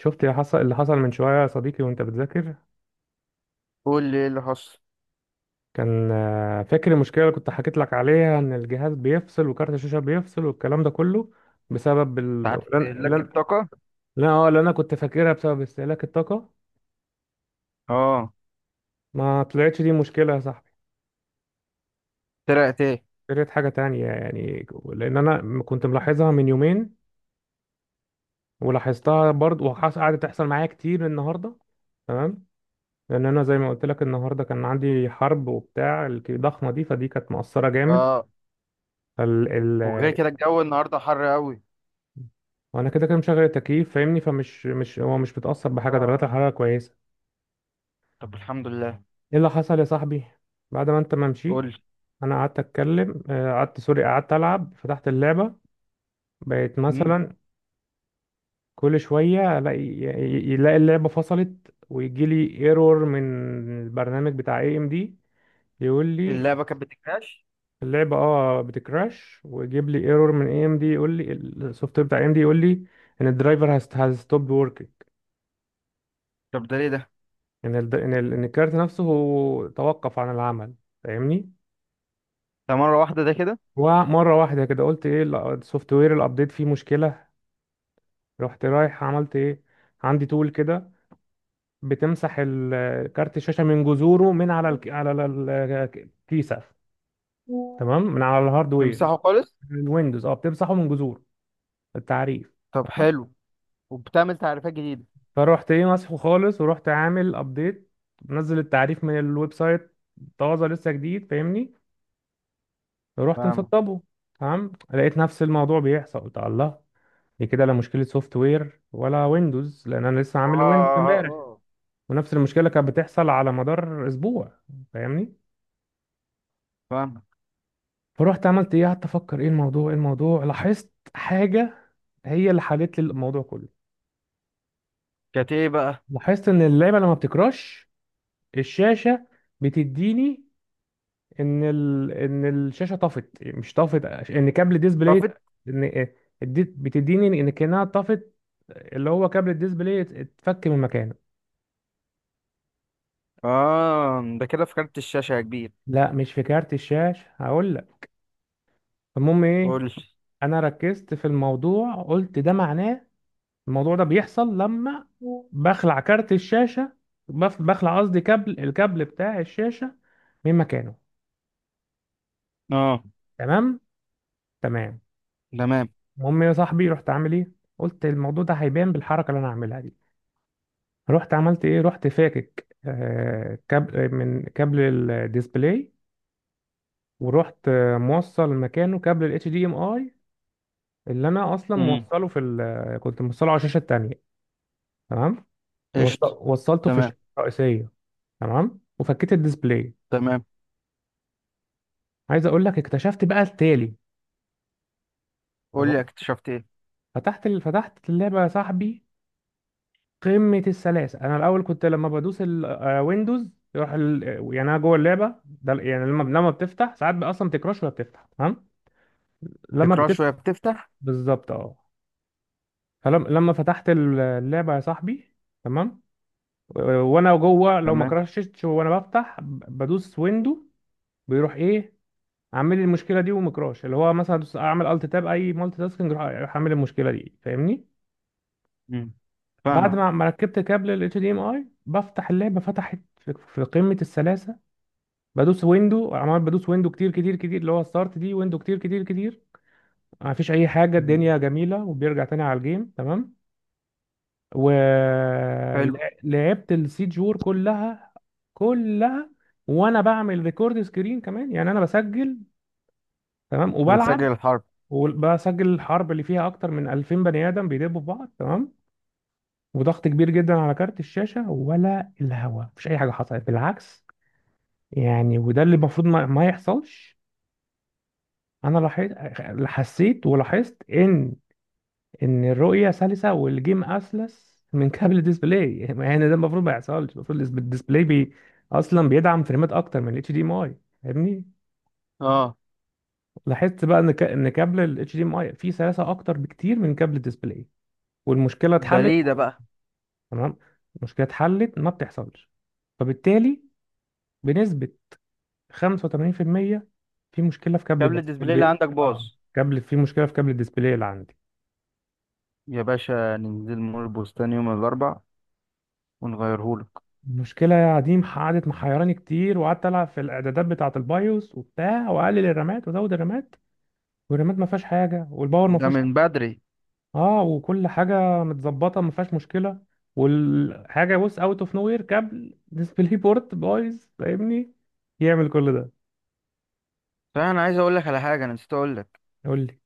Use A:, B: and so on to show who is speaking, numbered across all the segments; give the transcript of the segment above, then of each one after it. A: شفت اللي حصل من شوية يا صديقي وانت بتذاكر.
B: قول لي ايه اللي حصل.
A: كان فاكر المشكلة اللي كنت حكيت لك عليها ان الجهاز بيفصل وكارت الشاشة بيفصل والكلام ده كله بسبب
B: ساعات استهلاك الطاقة.
A: اه اللي انا كنت فاكرها بسبب استهلاك الطاقة.
B: اه.
A: ما طلعتش دي مشكلة يا صاحبي،
B: طلعت ايه؟
A: طلعت حاجة تانية يعني. لان انا كنت ملاحظها من يومين، ولاحظتها برضه قعدت تحصل معايا كتير النهاردة. تمام. لان انا زي ما قلت لك النهارده كان عندي حرب وبتاع الضخمة دي، فدي كانت مؤثرة جامد.
B: اه. وغير كده الجو النهارده حر قوي.
A: وانا كده كده مشغل التكييف فاهمني، فمش مش هو مش متأثر بحاجة،
B: اه.
A: درجات الحرارة كويسة.
B: طب الحمد لله.
A: ايه اللي حصل يا صاحبي بعد ما انت ما مشيت؟
B: قول لي.
A: انا قعدت اتكلم قعدت سوري، قعدت العب، فتحت اللعبة. بقيت
B: مم.
A: مثلا كل شوية الاقي يلاقي اللعبة فصلت ويجي لي ايرور من البرنامج بتاع اي ام دي يقول لي.
B: اللعبه كانت بتكراش.
A: اللعبة اه بتكراش ويجيب لي ايرور من اي ام دي يقول لي السوفت وير بتاع اي ام دي يقول لي ان الدرايفر هاز ستوب ورك،
B: طب ده ليه ده؟
A: ان الكارت نفسه هو توقف عن العمل، فاهمني.
B: ده مره واحده ده كده؟
A: ومره واحده كده قلت ايه، لا، السوفت وير الابديت فيه مشكله. رحت رايح عملت ايه، عندي تول كده بتمسح كارت الشاشه من جذوره من على على الكيسه، تمام، من على الهاردوير.
B: تمسحه خالص؟
A: الويندوز اه بتمسحه من جذوره، التعريف،
B: طب
A: تمام؟
B: حلو. وبتعمل تعريفات جديده؟
A: فروحت ايه مسحه خالص ورحت عامل ابديت، منزل التعريف من الويب سايت، طازه لسه جديد فاهمني. رحت
B: فاهمك.
A: مسطبه، تمام، لقيت نفس الموضوع بيحصل. قلت الله، دي كده لا مشكله سوفت وير ولا ويندوز، لان انا لسه
B: والله.
A: عامل ويندوز امبارح.
B: اه.
A: ونفس المشكله كانت بتحصل على مدار اسبوع فاهمني.
B: فاهمك.
A: فروحت عملت ايه، قعدت افكر ايه الموضوع ايه الموضوع، لاحظت حاجه هي اللي حلت لي الموضوع كله.
B: كانت ايه بقى؟
A: لاحظت ان اللعبه لما بتكراش، الشاشه بتديني ان الشاشه طفت مش طفت، ان كابل ديسبلاي،
B: طفت.
A: ان اديت بتديني ان كانها طفت، اللي هو كابل الديسبلاي اتفك من مكانه.
B: اه، ده كده في كارت الشاشه يا كبير.
A: لا مش في كارت الشاشه، هقول لك المهم ايه.
B: قول لي.
A: انا ركزت في الموضوع قلت ده معناه الموضوع ده بيحصل لما بخلع كارت الشاشه، بخلع قصدي كابل، الكابل بتاع الشاشه من مكانه.
B: اه.
A: تمام. تمام.
B: تمام.
A: المهم يا صاحبي رحت عامل ايه، قلت الموضوع ده هيبان بالحركه اللي انا هعملها دي. رحت عملت ايه، رحت فاكك كابل من كابل الديسبلاي، ورحت موصل مكانه كابل الاتش دي ام اي اللي انا اصلا
B: امم.
A: كنت موصله على الشاشه التانية. تمام.
B: قشطه.
A: وصلته في
B: تمام.
A: الشاشه الرئيسيه. تمام، وفكيت الديسبلاي.
B: تمام.
A: عايز اقول لك اكتشفت بقى التالي.
B: قول لي
A: تمام.
B: اكتشفت ايه.
A: فتحت اللعبه يا صاحبي، قمه السلاسه. انا الاول كنت لما بدوس الويندوز يروح يعني انا جوه اللعبه ده، يعني لما بتفتح ساعات بقى اصلا بتكراش ولا بتفتح تمام. لما
B: تكراش
A: بتبقى
B: شويه بتفتح.
A: بالظبط اه. فلما فتحت اللعبه يا صاحبي، تمام، و- وانا جوه لو ما
B: تمام.
A: كراشتش وانا بفتح بدوس ويندو، بيروح ايه، عامل لي المشكله دي. ومكراش، اللي هو مثلا اعمل الت تاب اي مالتي تاسكينج يروح، يروح عامل المشكله دي فاهمني.
B: مم.
A: بعد
B: فاهم.
A: ما ركبت كابل ال HDMI بفتح اللعبه، فتحت في قمه السلاسه. بدوس ويندو عمال بدوس ويندو كتير كتير كتير، اللي هو ستارت دي ويندو كتير كتير كتير، ما فيش اي حاجه،
B: مم.
A: الدنيا جميله وبيرجع تاني على الجيم تمام.
B: حلو.
A: ولعبت السيجور كلها، كلها. وانا بعمل ريكورد سكرين كمان، يعني انا بسجل، تمام، وبلعب،
B: بتسجل الحرب؟
A: وبسجل الحرب اللي فيها اكتر من 2000 بني ادم بيدبوا في بعض، تمام، وضغط كبير جدا على كارت الشاشه ولا الهوا، مفيش اي حاجه حصلت بالعكس. يعني وده اللي المفروض ما يحصلش. انا لاحظت، حسيت ولاحظت ان، ان الرؤية سلسة والجيم اسلس من كابل الديسبلاي. يعني ده المفروض ما يحصلش، المفروض الديسبلاي بي اصلا بيدعم فريمات اكتر من الاتش دي ام اي فاهمني.
B: اه.
A: لاحظت بقى ان كابل الاتش دي ام اي فيه سلاسة اكتر بكتير من كابل الديسبلاي، والمشكلة
B: ده
A: اتحلت.
B: ليه ده بقى؟
A: تمام. المشكلة اتحلت، ما بتحصلش. فبالتالي بنسبة 85% في المية في مشكلة في كابل
B: كابل الديسبلاي اللي
A: الديسبلاي.
B: عندك باظ.
A: اه، كابل، في مشكلة في كابل الديسبلاي اللي عندي.
B: يا باشا، ننزل مول البستان يوم الاربع ونغيرهولك.
A: المشكلة يا عديم قعدت محيراني كتير، وقعدت ألعب في الإعدادات بتاعة البايوس وبتاع، وأقلل الرامات وأزود الرامات، والرامات ما فيهاش حاجة والباور ما
B: ده
A: فيهوش
B: من
A: حاجة.
B: بدري.
A: اه وكل حاجة متظبطة ما فيهاش مشكلة. والحاجة بص أوت أوف نو وير، كابل ديسبلاي بورت بايظ فاهمني، يعمل كل ده.
B: صحيح، انا عايز اقول لك على حاجه انا نسيت اقول لك.
A: قول لي.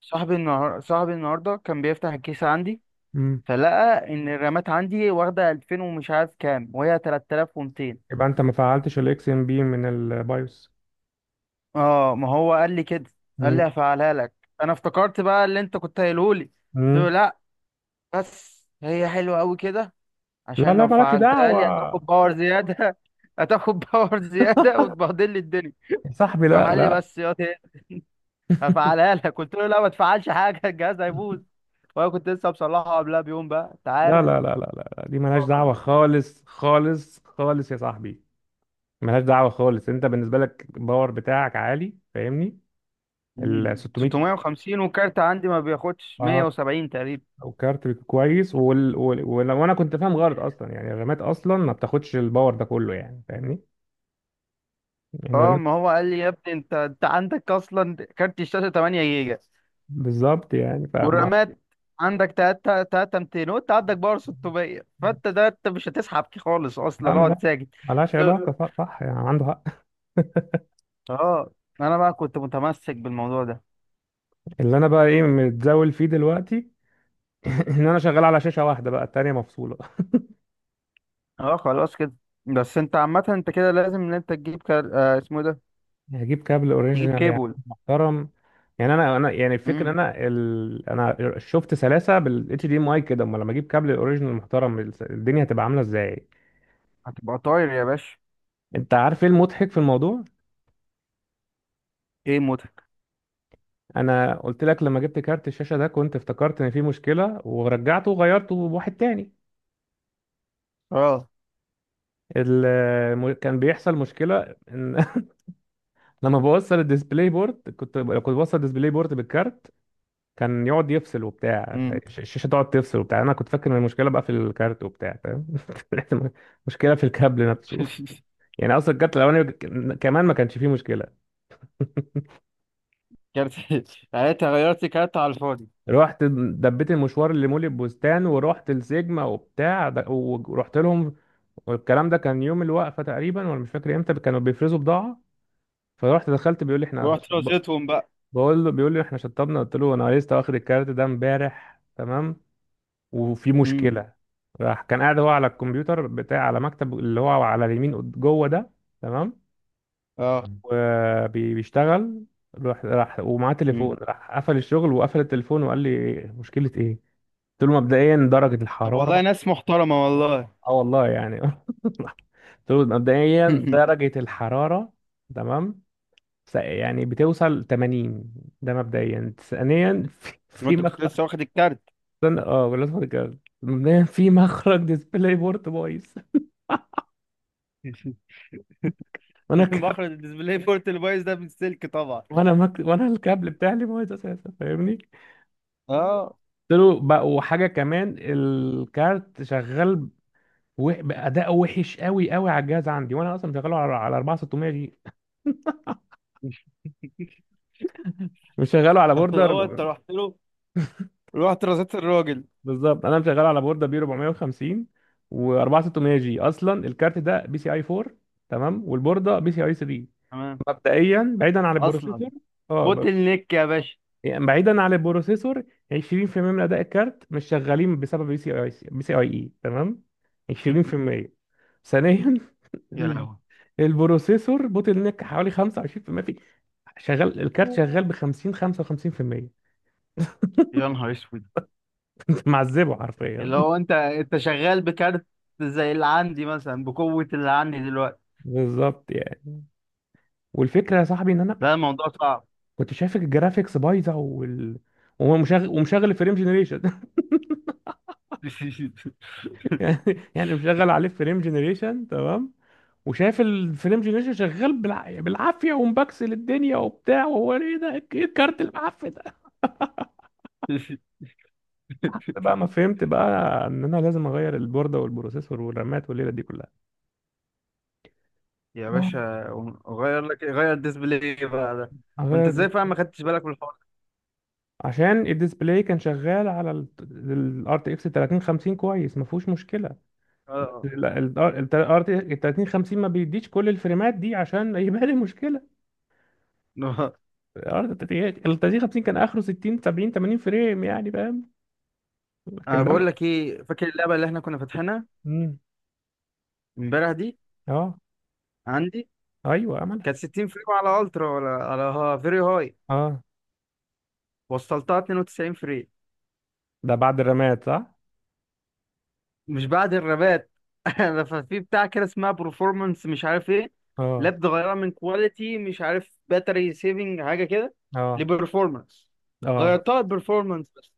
B: صاحبي النهارده كان بيفتح الكيس عندي.
A: مم.
B: فلقى ان الرامات عندي واخده 2000 ومش عارف كام وهي 3200.
A: يبقى أنت ما فعلتش الإكس إم بي من البايوس.
B: اه، ما هو قال لي كده. قال لي
A: مم.
B: هفعلها لك. انا افتكرت بقى اللي انت كنت قايله لي، قلت
A: مم.
B: له لا. بس هي حلوه قوي كده.
A: لا
B: عشان
A: لا
B: لو
A: مالكش
B: فعلتها لي هتاخد
A: دعوة
B: باور زيادة هتاخد باور زيادة وتبهدل لي الدنيا.
A: يا صاحبي،
B: فقال لي
A: لا.
B: بس يا تاني هفعلها لك قلت له لا، ما تفعلش حاجة الجهاز هيبوظ.
A: لا
B: وانا كنت لسه مصلحه قبلها بيوم، بقى انت
A: لا
B: عارف.
A: لا لا لا لا، لا، دي ملهاش دعوة خالص خالص خالص يا صاحبي، ملهاش دعوة خالص. انت بالنسبة لك الباور بتاعك عالي فاهمني،
B: مم.
A: ال 600،
B: 650، والكارت عندي ما بياخدش
A: اه،
B: 170 تقريبا.
A: وكارت كويس وانا كنت فاهم غلط اصلا، يعني الرامات اصلا ما بتاخدش الباور ده كله يعني فاهمني، يعني
B: اه،
A: الرامات.
B: ما هو قال لي يا ابني، انت عندك اصلا كارت الشاشة 8 جيجا،
A: بالظبط يعني فما،
B: والرامات عندك 3 3 200، وانت عندك باور 600، فانت ده انت مش هتسحب خالص اصلا،
A: لا
B: اقعد ساكت.
A: ملهاش علاقة، صح صح، يعني عنده حق.
B: اه. انا بقى كنت متمسك بالموضوع ده.
A: اللي انا بقى ايه متزاول فيه دلوقتي ان انا شغال على شاشة واحدة، بقى التانية مفصولة.
B: اه، خلاص كده. بس انت عامة انت كده لازم ان انت تجيب كار... آه اسمه ايه ده.
A: هجيب كابل
B: تجيب
A: اوريجينال يعني
B: كيبل.
A: محترم. يعني انا يعني الفكره
B: امم.
A: إن انا شفت سلاسه بالاتش دي ام اي كده، امال لما اجيب كابل اوريجينال محترم الدنيا هتبقى عامله ازاي.
B: هتبقى طاير يا باشا.
A: انت عارف ايه المضحك في الموضوع؟
B: ايه موتك؟
A: انا قلت لك لما جبت كارت الشاشه ده كنت افتكرت ان في مشكله ورجعته وغيرته بواحد تاني.
B: اه.
A: كان بيحصل مشكله ان لما بوصل الديسبلاي بورد كنت بوصل الديسبلاي بورد بالكارت، كان يقعد يفصل وبتاع،
B: امم.
A: الشاشه تقعد تفصل وبتاع، انا كنت فاكر ان المشكله بقى في الكارت وبتاع فاهم. طلعت مشكله في الكابل نفسه. يعني اصلا الكارت الاولاني كمان ما كانش فيه مشكله.
B: كارت. يعني انت غيرت كارت على الفاضي؟
A: رحت دبيت المشوار اللي مول البستان، ورحت السيجما وبتاع ورحت لهم. والكلام ده كان يوم الوقفه تقريبا، ولا مش فاكر امتى كانوا بيفرزوا بضاعه. فرحت دخلت بيقول لي احنا
B: ورحت
A: ب-
B: رزيتهم بقى.
A: بقول له بيقول لي احنا شطبنا، قلت له انا لسه واخد الكارت ده امبارح، تمام، وفي
B: امم.
A: مشكلة. راح كان قاعد هو على الكمبيوتر بتاع، على مكتب اللي هو على اليمين، جوه ده، تمام،
B: اه.
A: وبيشتغل. راح ومعاه تليفون،
B: امم.
A: راح قفل الشغل وقفل التليفون وقال لي مشكلة ايه؟ قلت له مبدئيا درجة
B: طب والله
A: الحرارة.
B: ناس محترمة والله.
A: اه والله يعني. قلت له مبدئيا درجة الحرارة، تمام، يعني بتوصل 80، ده مبدئيا. ثانيا، في
B: وانت كنت
A: مخرج،
B: لسه واخد الكارت.
A: استنى، اه ولا تفضل كده. مبدئيا في مخرج ديسبلاي بورت بايظ. وانا
B: مخرج الديسبلاي بورت اللي بايظ ده بالسلك طبعا.
A: وانا الكابل بتاعي اللي بايظ اساسا فاهمني.
B: اه.
A: قلت له بقى وحاجه كمان الكارت شغال باداء وحش قوي قوي على الجهاز عندي، وانا اصلا مشغله على 4600 جي، مش شغاله على بوردر.
B: هو انت رحت له، رحت رزيت الراجل.
A: بالظبط، انا مشغله على بوردر بي 450، و4600 جي. اصلا الكارت ده بي سي اي 4، تمام، والبورده بي سي اي 3،
B: تمام.
A: مبدئيا بعيدا عن
B: اصلا
A: البروسيسور. اه.
B: بوتل نيك يا باشا.
A: يعني بعيدا عن البروسيسور 20% من اداء الكارت مش شغالين بسبب بي سي اي بي سي اي اي، تمام. 20%. ثانيا،
B: يا
A: ال-
B: لهوي.
A: البروسيسور بوتل نيك حوالي 25% في المية، في شغال الكارت، شغال ب 50 55%.
B: يا نهار اسود.
A: معذبه حرفيا.
B: اللي هو انت شغال بكارت زي اللي عندي مثلا بقوة اللي عندي دلوقتي.
A: بالظبط يعني. والفكره يا صاحبي ان انا
B: لا، الموضوع صعب.
A: كنت شايف الجرافيكس بايظه، وال، وهو مشغل، ومشغل الفريم جنريشن. يعني، يعني مشغل عليه فريم جنريشن، تمام، وشايف الفيلم جنريشن شغال بالعافيه ومبكسل الدنيا وبتاع، وهو ايه ده، ايه الكارت المعفن ده؟ بقى ما فهمت بقى ان انا لازم اغير البورده والبروسيسور والرامات والليله دي كلها.
B: يا
A: آه.
B: باشا، غير الديسبلاي بقى ده. وانت
A: اغير.
B: ازاي فعلا ما خدتش بالك من الحوار ده؟
A: عشان الديسبلاي كان شغال على الار تي اكس 3050 كويس، ما فيهوش مشكله.
B: اه.
A: الار تي 3050 ما بيديش كل الفريمات دي عشان يبقى لي مشكله.
B: آه.
A: ال 3050 كان اخره 60 70 80 فريم، يعني فاهم،
B: انا
A: لكن ده
B: بقول لك ايه، فاكر اللعبه اللي احنا كنا فاتحينها
A: مم.
B: امبارح دي؟
A: اه.
B: عندي
A: ايوه.
B: كانت 60 فريم على الترا ولا على ها فيري هاي.
A: اه.
B: وصلتها 92 فريم.
A: ده بعد الرماد صح.
B: مش بعد الربات؟ أنا ففي بتاع كده اسمها برفورمانس مش عارف ايه،
A: اه.
B: لاب غيرها من كواليتي مش عارف باتري سيفنج حاجه كده،
A: اه.
B: لبرفورمانس.
A: اه.
B: غيرتها لبرفورمانس بس.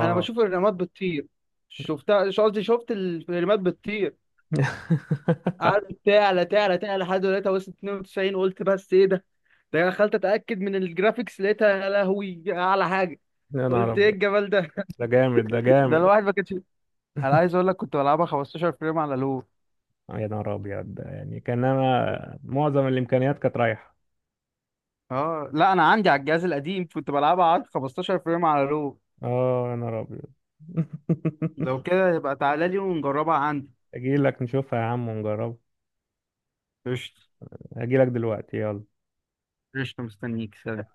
B: انا بشوف الرامات بتطير. شفتها، مش قصدي، شفت الرامات بتطير. قعدت تعلى تعلى تعلى لحد دلوقتي وصلت 92. قلت بس ايه ده، ده أنا دخلت اتاكد من الجرافيكس لقيتها يا لهوي اعلى حاجه.
A: يا نهار
B: قلت ايه
A: ابيض،
B: الجمال ده.
A: ده جامد ده
B: ده
A: جامد.
B: الواحد ما كانش. انا عايز اقول لك كنت بلعبها 15 فريم على لو.
A: يا نهار ابيض، ده يعني كان انا معظم الامكانيات كانت رايحه.
B: اه، لا، انا عندي على الجهاز القديم كنت بلعبها على 15 فريم على رو.
A: اه يا نهار ابيض.
B: لو كده يبقى تعالى لي ونجربها عندي.
A: اجي لك نشوفها يا عم ونجربها.
B: قشطة.
A: اجي لك دلوقتي يلا.
B: قشطة مستنيك، سلام.